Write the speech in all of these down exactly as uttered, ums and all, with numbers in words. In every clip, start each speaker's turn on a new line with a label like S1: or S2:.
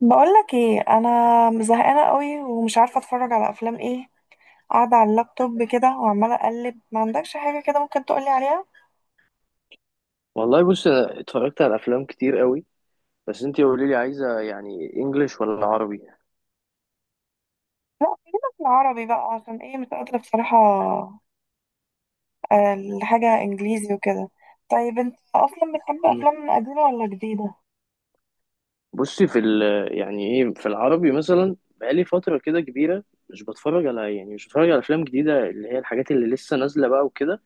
S1: بقولك ايه انا زهقانه قوي ومش عارفه اتفرج على افلام ايه. قاعده على اللابتوب كده وعماله اقلب، ما عندكش حاجه كده ممكن تقولي عليها؟
S2: والله بص، اتفرجت على افلام كتير قوي. بس انتي قولي لي، عايزه يعني انجليش ولا عربي؟
S1: لا، خلينا في العربي بقى عشان ايه مش قادره بصراحه آه، لحاجه انجليزي وكده. طيب انت اصلا بتحب
S2: مم.
S1: افلام قديمه ولا جديده؟
S2: بصي في ال يعني ايه، في العربي مثلا بقالي فتره كده كبيره مش بتفرج على يعني مش بتفرج على افلام جديده، اللي هي الحاجات اللي لسه نازله بقى وكده.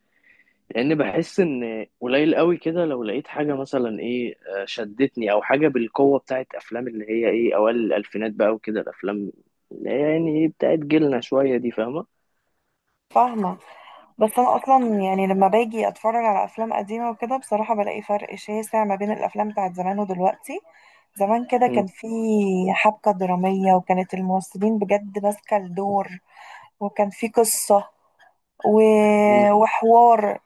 S2: لان بحس ان قليل قوي كده لو لقيت حاجه مثلا ايه، آه، شدتني او حاجه بالقوه، بتاعت افلام اللي هي ايه اوائل الالفينات بقى وكده الافلام، اللي هي يعني ايه بتاعت جيلنا شويه دي، فاهمه؟
S1: فاهمه. بس انا اصلا يعني لما باجي اتفرج على افلام قديمه وكده بصراحه بلاقي فرق شاسع ما بين الافلام بتاعت زمان ودلوقتي. زمان كده كان في حبكة درامية، وكانت الممثلين بجد ماسكة الدور، وكان في قصة و...
S2: مم.
S1: وحوار.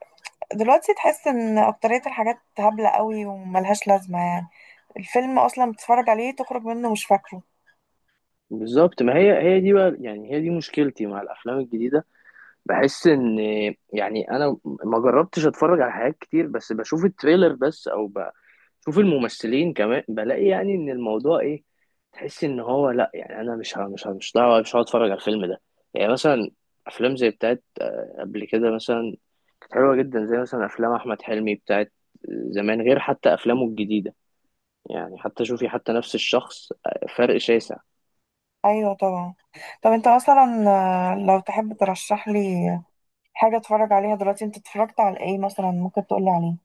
S1: دلوقتي تحس ان اكترية الحاجات هبلة قوي وملهاش لازمة يعني، الفيلم اصلا بتتفرج عليه تخرج منه مش فاكره.
S2: بالظبط، ما هي هي دي بقى، يعني هي دي مشكلتي مع الافلام الجديده. بحس ان يعني انا ما جربتش اتفرج على حاجات كتير، بس بشوف التريلر بس، او بشوف الممثلين كمان بلاقي يعني ان الموضوع ايه. تحس ان هو لا، يعني انا مش ه- مش ه- مش دعوه، مش هتفرج على الفيلم ده. يعني مثلا افلام زي بتاعت آه، قبل كده مثلا كانت حلوه جدا، زي مثلا افلام احمد حلمي بتاعت زمان، غير حتى افلامه الجديده يعني. حتى شوفي حتى نفس الشخص، آه، فرق شاسع.
S1: ايوه طبعا. طب انت مثلا آه، لو تحب ترشح لي حاجة اتفرج عليها دلوقتي، انت اتفرجت على ايه مثلا ممكن تقولي عليه؟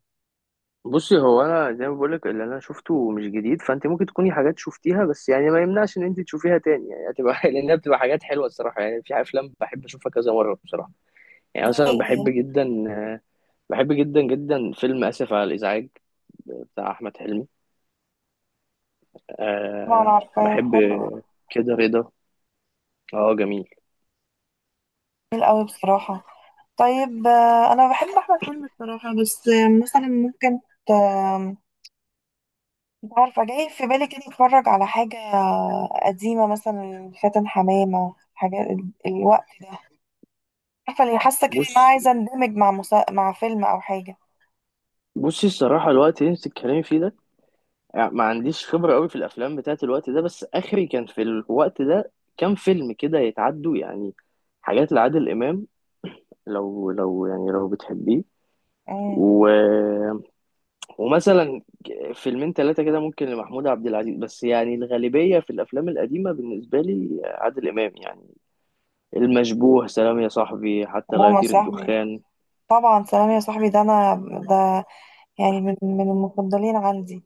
S2: بصي هو انا زي ما بقولك، اللي انا شفته مش جديد، فانت ممكن تكوني حاجات شفتيها، بس يعني ما يمنعش ان انت تشوفيها تاني يعني، هتبقى لانها بتبقى حاجات حلوه الصراحه. يعني في افلام بحب اشوفها كذا مره بصراحه. يعني
S1: ايه،
S2: مثلا بحب
S1: ايه؟
S2: جدا بحب جدا جدا فيلم اسف على الازعاج بتاع احمد حلمي. أه.
S1: طبعا عارفاه،
S2: بحب
S1: حلو.
S2: كده رضا. اه، جميل.
S1: جميل قوي بصراحة. طيب آه، انا بحب احمد حلمي بصراحة، بس آه، مثلا ممكن، انت عارفة، جاي في بالي كده اتفرج على حاجة قديمة، مثلا فاتن حمامة، حاجة ال- الوقت ده، عارفة، اللي حاسة كده ان انا
S2: بص
S1: عايزة اندمج مع مسا... مع فيلم او حاجة.
S2: بصي الصراحه، الوقت اللي انت بتتكلمي فيه ده، يعني ما عنديش خبرة قوي في الأفلام بتاعت الوقت ده، بس آخري كان في الوقت ده كام فيلم كده يتعدوا يعني. حاجات لعادل إمام، لو لو يعني لو بتحبيه،
S1: امم.
S2: و... ومثلا فيلمين ثلاثة كده ممكن لمحمود عبد العزيز. بس يعني الغالبية في الأفلام القديمة بالنسبة لي عادل إمام يعني، المشبوه، سلام يا صاحبي، حتى لا
S1: سلام يا
S2: يطير
S1: صاحبي.
S2: الدخان.
S1: طبعا سلام يا صاحبي ده انا ده يعني من من المفضلين عندي.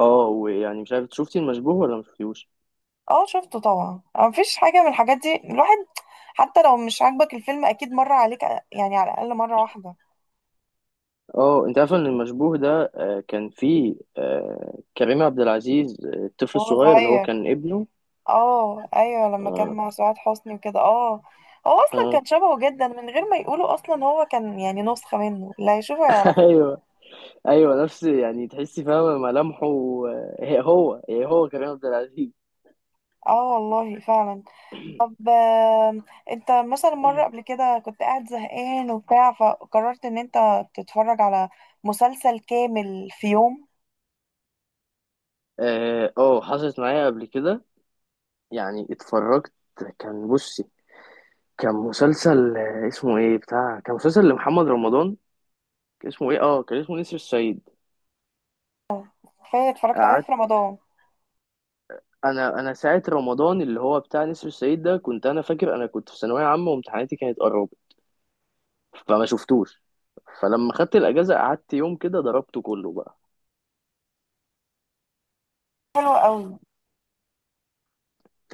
S2: اه، ويعني مش عارف، شفتي المشبوه ولا ما شفتيهوش؟
S1: اه شفته طبعا. اه، مفيش حاجة من الحاجات دي الواحد، حتى لو مش عاجبك الفيلم اكيد مر عليك يعني، على الاقل مرة واحدة.
S2: اه، انت عارف ان المشبوه ده آه، كان فيه آه، كريم عبد العزيز، آه، الطفل
S1: وهو
S2: الصغير اللي هو
S1: صغير،
S2: كان ابنه.
S1: اه ايوه لما كان
S2: آه.
S1: مع سعاد حسني وكده، اه. هو اصلا
S2: آه.
S1: كان شبهه جدا من غير ما يقولوا، اصلا هو كان يعني نسخة منه، لا يشوفه يعرفه.
S2: ايوه، ايوه، نفس يعني، تحسي فاهمه ملامحه. آه، هي هو هي هو كريم عبد العزيز.
S1: اه والله فعلا. طب آم، انت مثلا مرة قبل كده كنت قاعد زهقان وبتاع، فقررت ان انت تتفرج على مسلسل كامل في يوم؟
S2: اه، آه، حصلت معايا قبل كده. يعني اتفرجت، كان، بصي كان مسلسل، آه، اسمه ايه بتاع، كان مسلسل لمحمد رمضان. كان اسمه ايه، اه، كان اسمه نسر الصعيد.
S1: فاتفرجت عليه
S2: قعدت،
S1: في رمضان.
S2: انا انا ساعه رمضان اللي هو بتاع نسر الصعيد ده كنت انا فاكر انا كنت في ثانويه عامه، وامتحاناتي كانت قربت فما شفتوش، فلما خدت الاجازه قعدت يوم كده ضربته كله بقى.
S1: حلو قوي.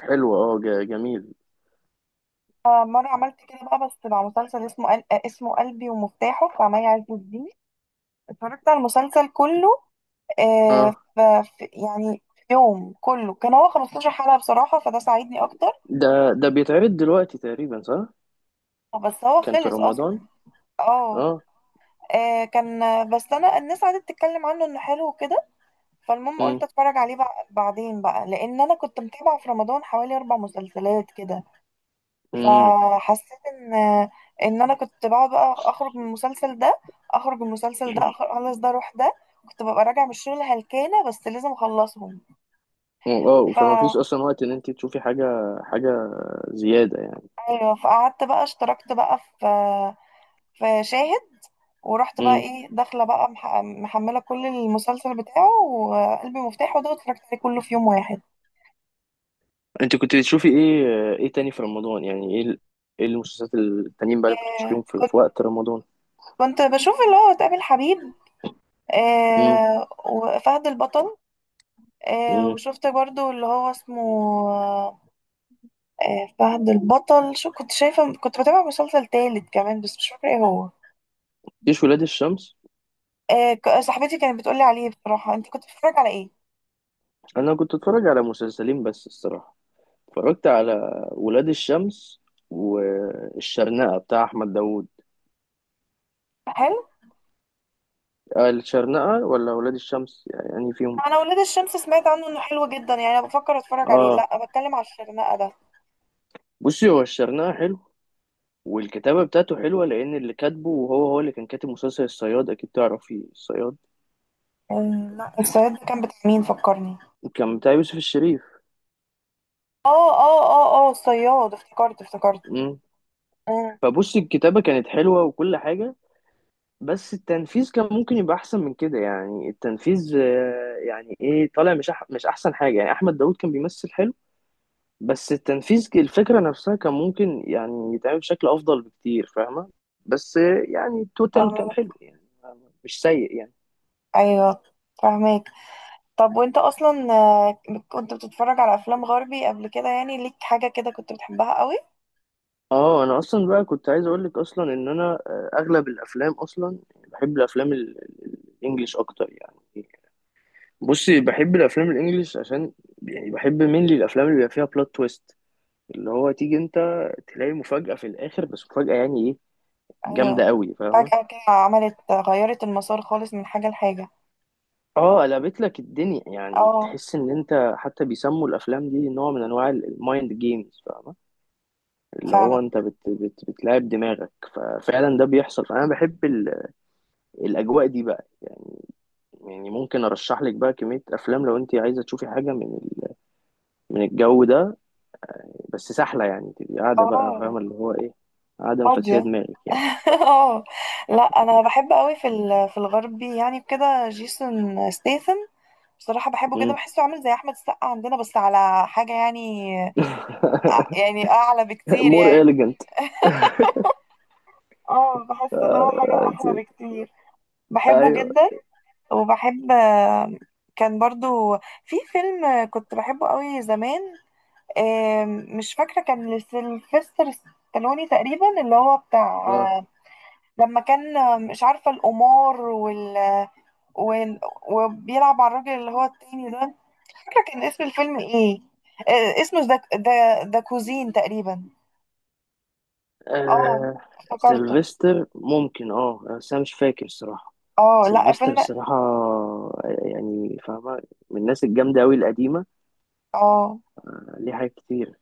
S2: حلو، اه، ج- جميل.
S1: مرة عملت كده بقى، بس مع مسلسل اسمه قل... اسمه قلبي ومفتاحه بتاع مي عز الدين، اتفرجت على المسلسل كله. آه،
S2: اه،
S1: ف ف- يعني في يوم كله، كان هو 15 حلقة بصراحة، فده ساعدني أكتر.
S2: ده ده بيتعرض دلوقتي تقريبا صح؟
S1: بس هو
S2: كان في
S1: خلص
S2: رمضان.
S1: أصلا. اه
S2: اه.
S1: آه، كان. بس أنا الناس قعدت تتكلم عنه إنه حلو وكده، فالمهم قلت
S2: امم.
S1: أتفرج عليه بع- بعدين بقى، لأن أنا كنت متابعة في رمضان حوالي أربع مسلسلات كده.
S2: امم.
S1: فحسيت إن إن أنا كنت بقعد بقى، أخرج من المسلسل ده أخرج من المسلسل ده، أخلص ده أروح ده، كنت ببقى راجعة من الشغل هلكانة بس لازم أخلصهم.
S2: اه، فما فيش اصلا وقت ان انت تشوفي حاجه، حاجه زياده يعني.
S1: ايوه، فقعدت بقى اشتركت بقى في في شاهد، ورحت بقى
S2: امم.
S1: ايه داخله بقى مح- محمله كل المسلسل بتاعه، وقلبي مفتاحه ده، واتفرجت عليه كله في يوم واحد.
S2: انت كنت بتشوفي ايه؟ ايه تاني في رمضان يعني، ايه ال- ايه المسلسلات التانيين بقى اللي كنت بتشوفيهم
S1: آه،
S2: في,
S1: كنت
S2: في وقت رمضان؟
S1: كنت بشوف اللي هو تقابل حبيب،
S2: امم.
S1: آه، وفهد البطل، آه، وشفت برضو اللي هو اسمه آه، فهد البطل. شو كنت شايفه، كنت بتابع مسلسل تالت كمان بس مش فاكره ايه هو.
S2: جيش ولاد الشمس.
S1: آه، ك- صاحبتي كانت بتقولي عليه. بصراحه انت كنت بتتفرج على ايه؟
S2: انا كنت اتفرج على مسلسلين بس الصراحه، اتفرجت على ولاد الشمس والشرنقة بتاع احمد داوود.
S1: حلو.
S2: آه، الشرنقة ولا ولاد الشمس؟ يعني فيهم.
S1: انا ولاد الشمس سمعت عنه انه حلو جدا، يعني انا بفكر اتفرج عليه.
S2: اه،
S1: لا، بتكلم على الشرنقة ده.
S2: بصي هو الشرنقة حلو، والكتابة بتاعته حلوة، لأن اللي كاتبه وهو هو اللي كان كاتب مسلسل الصياد، أكيد تعرفي الصياد،
S1: آه، لا الصياد ده كان بتاع مين، فكرني.
S2: كان بتاع يوسف الشريف.
S1: اه اه اه اه الصياد، افتكرت افتكرت.
S2: مم.
S1: امم.
S2: فبصي الكتابة كانت حلوة وكل حاجة، بس التنفيذ كان ممكن يبقى احسن من كده يعني. التنفيذ آه، يعني ايه، طالع مش أح مش احسن حاجه يعني. احمد داود كان بيمثل حلو، بس التنفيذ ك- الفكره نفسها كان ممكن يعني يتعمل بشكل افضل بكتير، فاهمه؟ بس آه، يعني التوتال كان
S1: فاهمة.
S2: حلو يعني، مش سيء يعني.
S1: ايوه، فاهمك. طب وانت اصلا آه، كنت بتتفرج على افلام غربي قبل كده؟ يعني ليك حاجة كده كنت بتحبها قوي؟
S2: اه، انا اصلا بقى كنت عايز اقول لك اصلا ان انا آه، اغلب الافلام، اصلا بحب الافلام ال- ال- الانجليش اكتر يعني. بصي بحب الافلام الانجليش عشان، يعني بحب مين الافلام اللي بيبقى فيها بلوت تويست، اللي هو تيجي انت تلاقي مفاجأة في الاخر، بس مفاجأة يعني ايه، جامدة
S1: ايوه،
S2: قوي،
S1: فجأة
S2: فاهمة؟
S1: كده عملت غيرت المسار خالص من حاجة لحاجة.
S2: اه، قلبت لك الدنيا، يعني
S1: اه
S2: تحس ان انت، حتى بيسموا الافلام دي نوع من انواع المايند جيمز، فاهمة؟ اللي
S1: فعلا.
S2: هو انت بت بت بتلعب دماغك، ففعلا ده بيحصل. فانا بحب ال... الاجواء دي بقى. يعني ممكن ارشح لك بقى كمية افلام لو انت عايزة تشوفي حاجة من ال... من الجو ده، بس سهلة يعني، تبقي قاعدة بقى،
S1: اه
S2: فاهمة، اللي هو ايه، قاعدة مفسية
S1: فاضية.
S2: دماغك يعني.
S1: اه. لا، انا بحب قوي في ال- في الغربي يعني، كده جيسون ستيثم بصراحة بحبه جدا، بحسه عامل زي احمد السقا عندنا بس على حاجة يعني، أ- يعني اعلى بكتير
S2: مور
S1: يعني.
S2: إيليجنت.
S1: اه بحس ان هو حاجة احلى بكتير، بحبه
S2: ايوه.
S1: جدا. وبحب، كان برضو في فيلم كنت بحبه قوي زمان، آم، مش فاكرة كان لسيلفستر ستالوني تقريبا، اللي هو بتاع
S2: اه،
S1: لما كان آه، مش عارفة القمار وال وال- وبيلعب على الراجل اللي هو التاني ده، مش فاكرة كان اسم الفيلم ايه. آه، اسمه ذا ذا ذا كوزين تقريبا. اه،
S2: آه،
S1: افتكرته.
S2: سيلفستر ممكن، اه، بس انا مش فاكر الصراحة.
S1: اه لا
S2: سيلفستر
S1: فيلم.
S2: الصراحة، آه، يعني فاهمة، من الناس الجامدة أوي القديمة،
S1: اه،
S2: ليه حاجات كتير.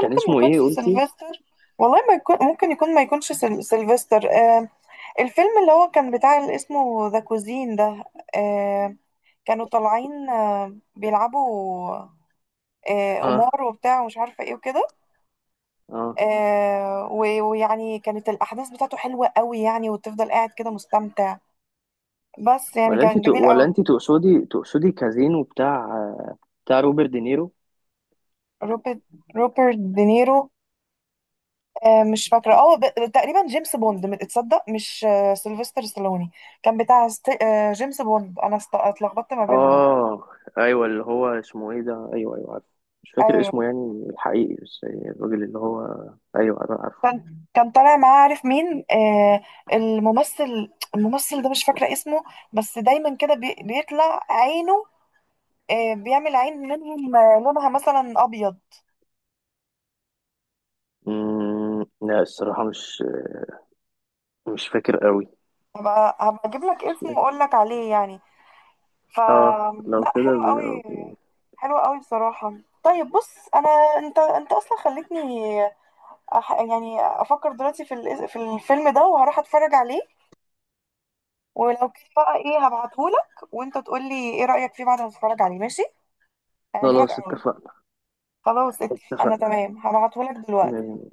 S2: كان
S1: ما
S2: اسمه
S1: يكونش
S2: ايه قلتي؟
S1: سيلفستر، والله ما يكون، ممكن يكون ما يكونش سيل- سيلفستر آه. الفيلم اللي هو كان بتاع، اللي اسمه ذا كوزين ده، آه، كانوا طالعين آه بيلعبوا آه
S2: اه،
S1: قمار وبتاع ومش عارفة ايه وكده.
S2: اه.
S1: آه و- ويعني كانت الأحداث بتاعته حلوة قوي يعني، وتفضل قاعد كده مستمتع، بس يعني
S2: ولا انت
S1: كان
S2: تق-
S1: جميل
S2: ولا
S1: قوي.
S2: انت تقصدي تقصدي كازينو بتاع آه، بتاع روبرت دينيرو؟
S1: روبرت روبرت دينيرو. آه مش فاكرة. اه ب- تقريبا جيمس بوند، م- تصدق مش آه سيلفستر ستالوني، كان بتاع ست... آه جيمس بوند. أنا است- اتلخبطت ما بينهم.
S2: اه، ايوه، اللي هو اسمه ايه ده، ايوه، ايوه عارف. مش فاكر اسمه
S1: أيوه.
S2: يعني الحقيقي، بس الراجل اللي هو، ايوه انا عارفه.
S1: كان كان طالع معاه، عارف مين آه، الممثل الممثل ده مش فاكرة اسمه، بس دايما كده بي... بيطلع عينه، آه، بيعمل عين منهم آه، لونها مثلا ابيض.
S2: أمم، لا، الصراحة مش مش فاكر قوي.
S1: هبقى هبقى اجيب لك اسمه واقول لك عليه يعني، ف.
S2: اه، لو
S1: لا
S2: كده
S1: حلو قوي.
S2: بي-
S1: حلو قوي بصراحة. طيب بص، انا، انت انت اصلا خلتني أح... يعني افكر دلوقتي في ال... في الفيلم ده، وهروح اتفرج عليه. ولو كده بقى ايه هبعتهولك، وانت تقول لي ايه رأيك فيه بعد ما تتفرج عليه، ماشي؟ هيعجبك
S2: خلاص
S1: قوي.
S2: اتفقنا.
S1: خلاص اتفقنا،
S2: اتفقنا
S1: تمام، هبعتهولك دلوقتي.
S2: يعني،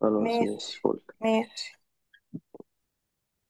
S2: خلاص، ماشي،
S1: ماشي،
S2: فل.
S1: ماشي.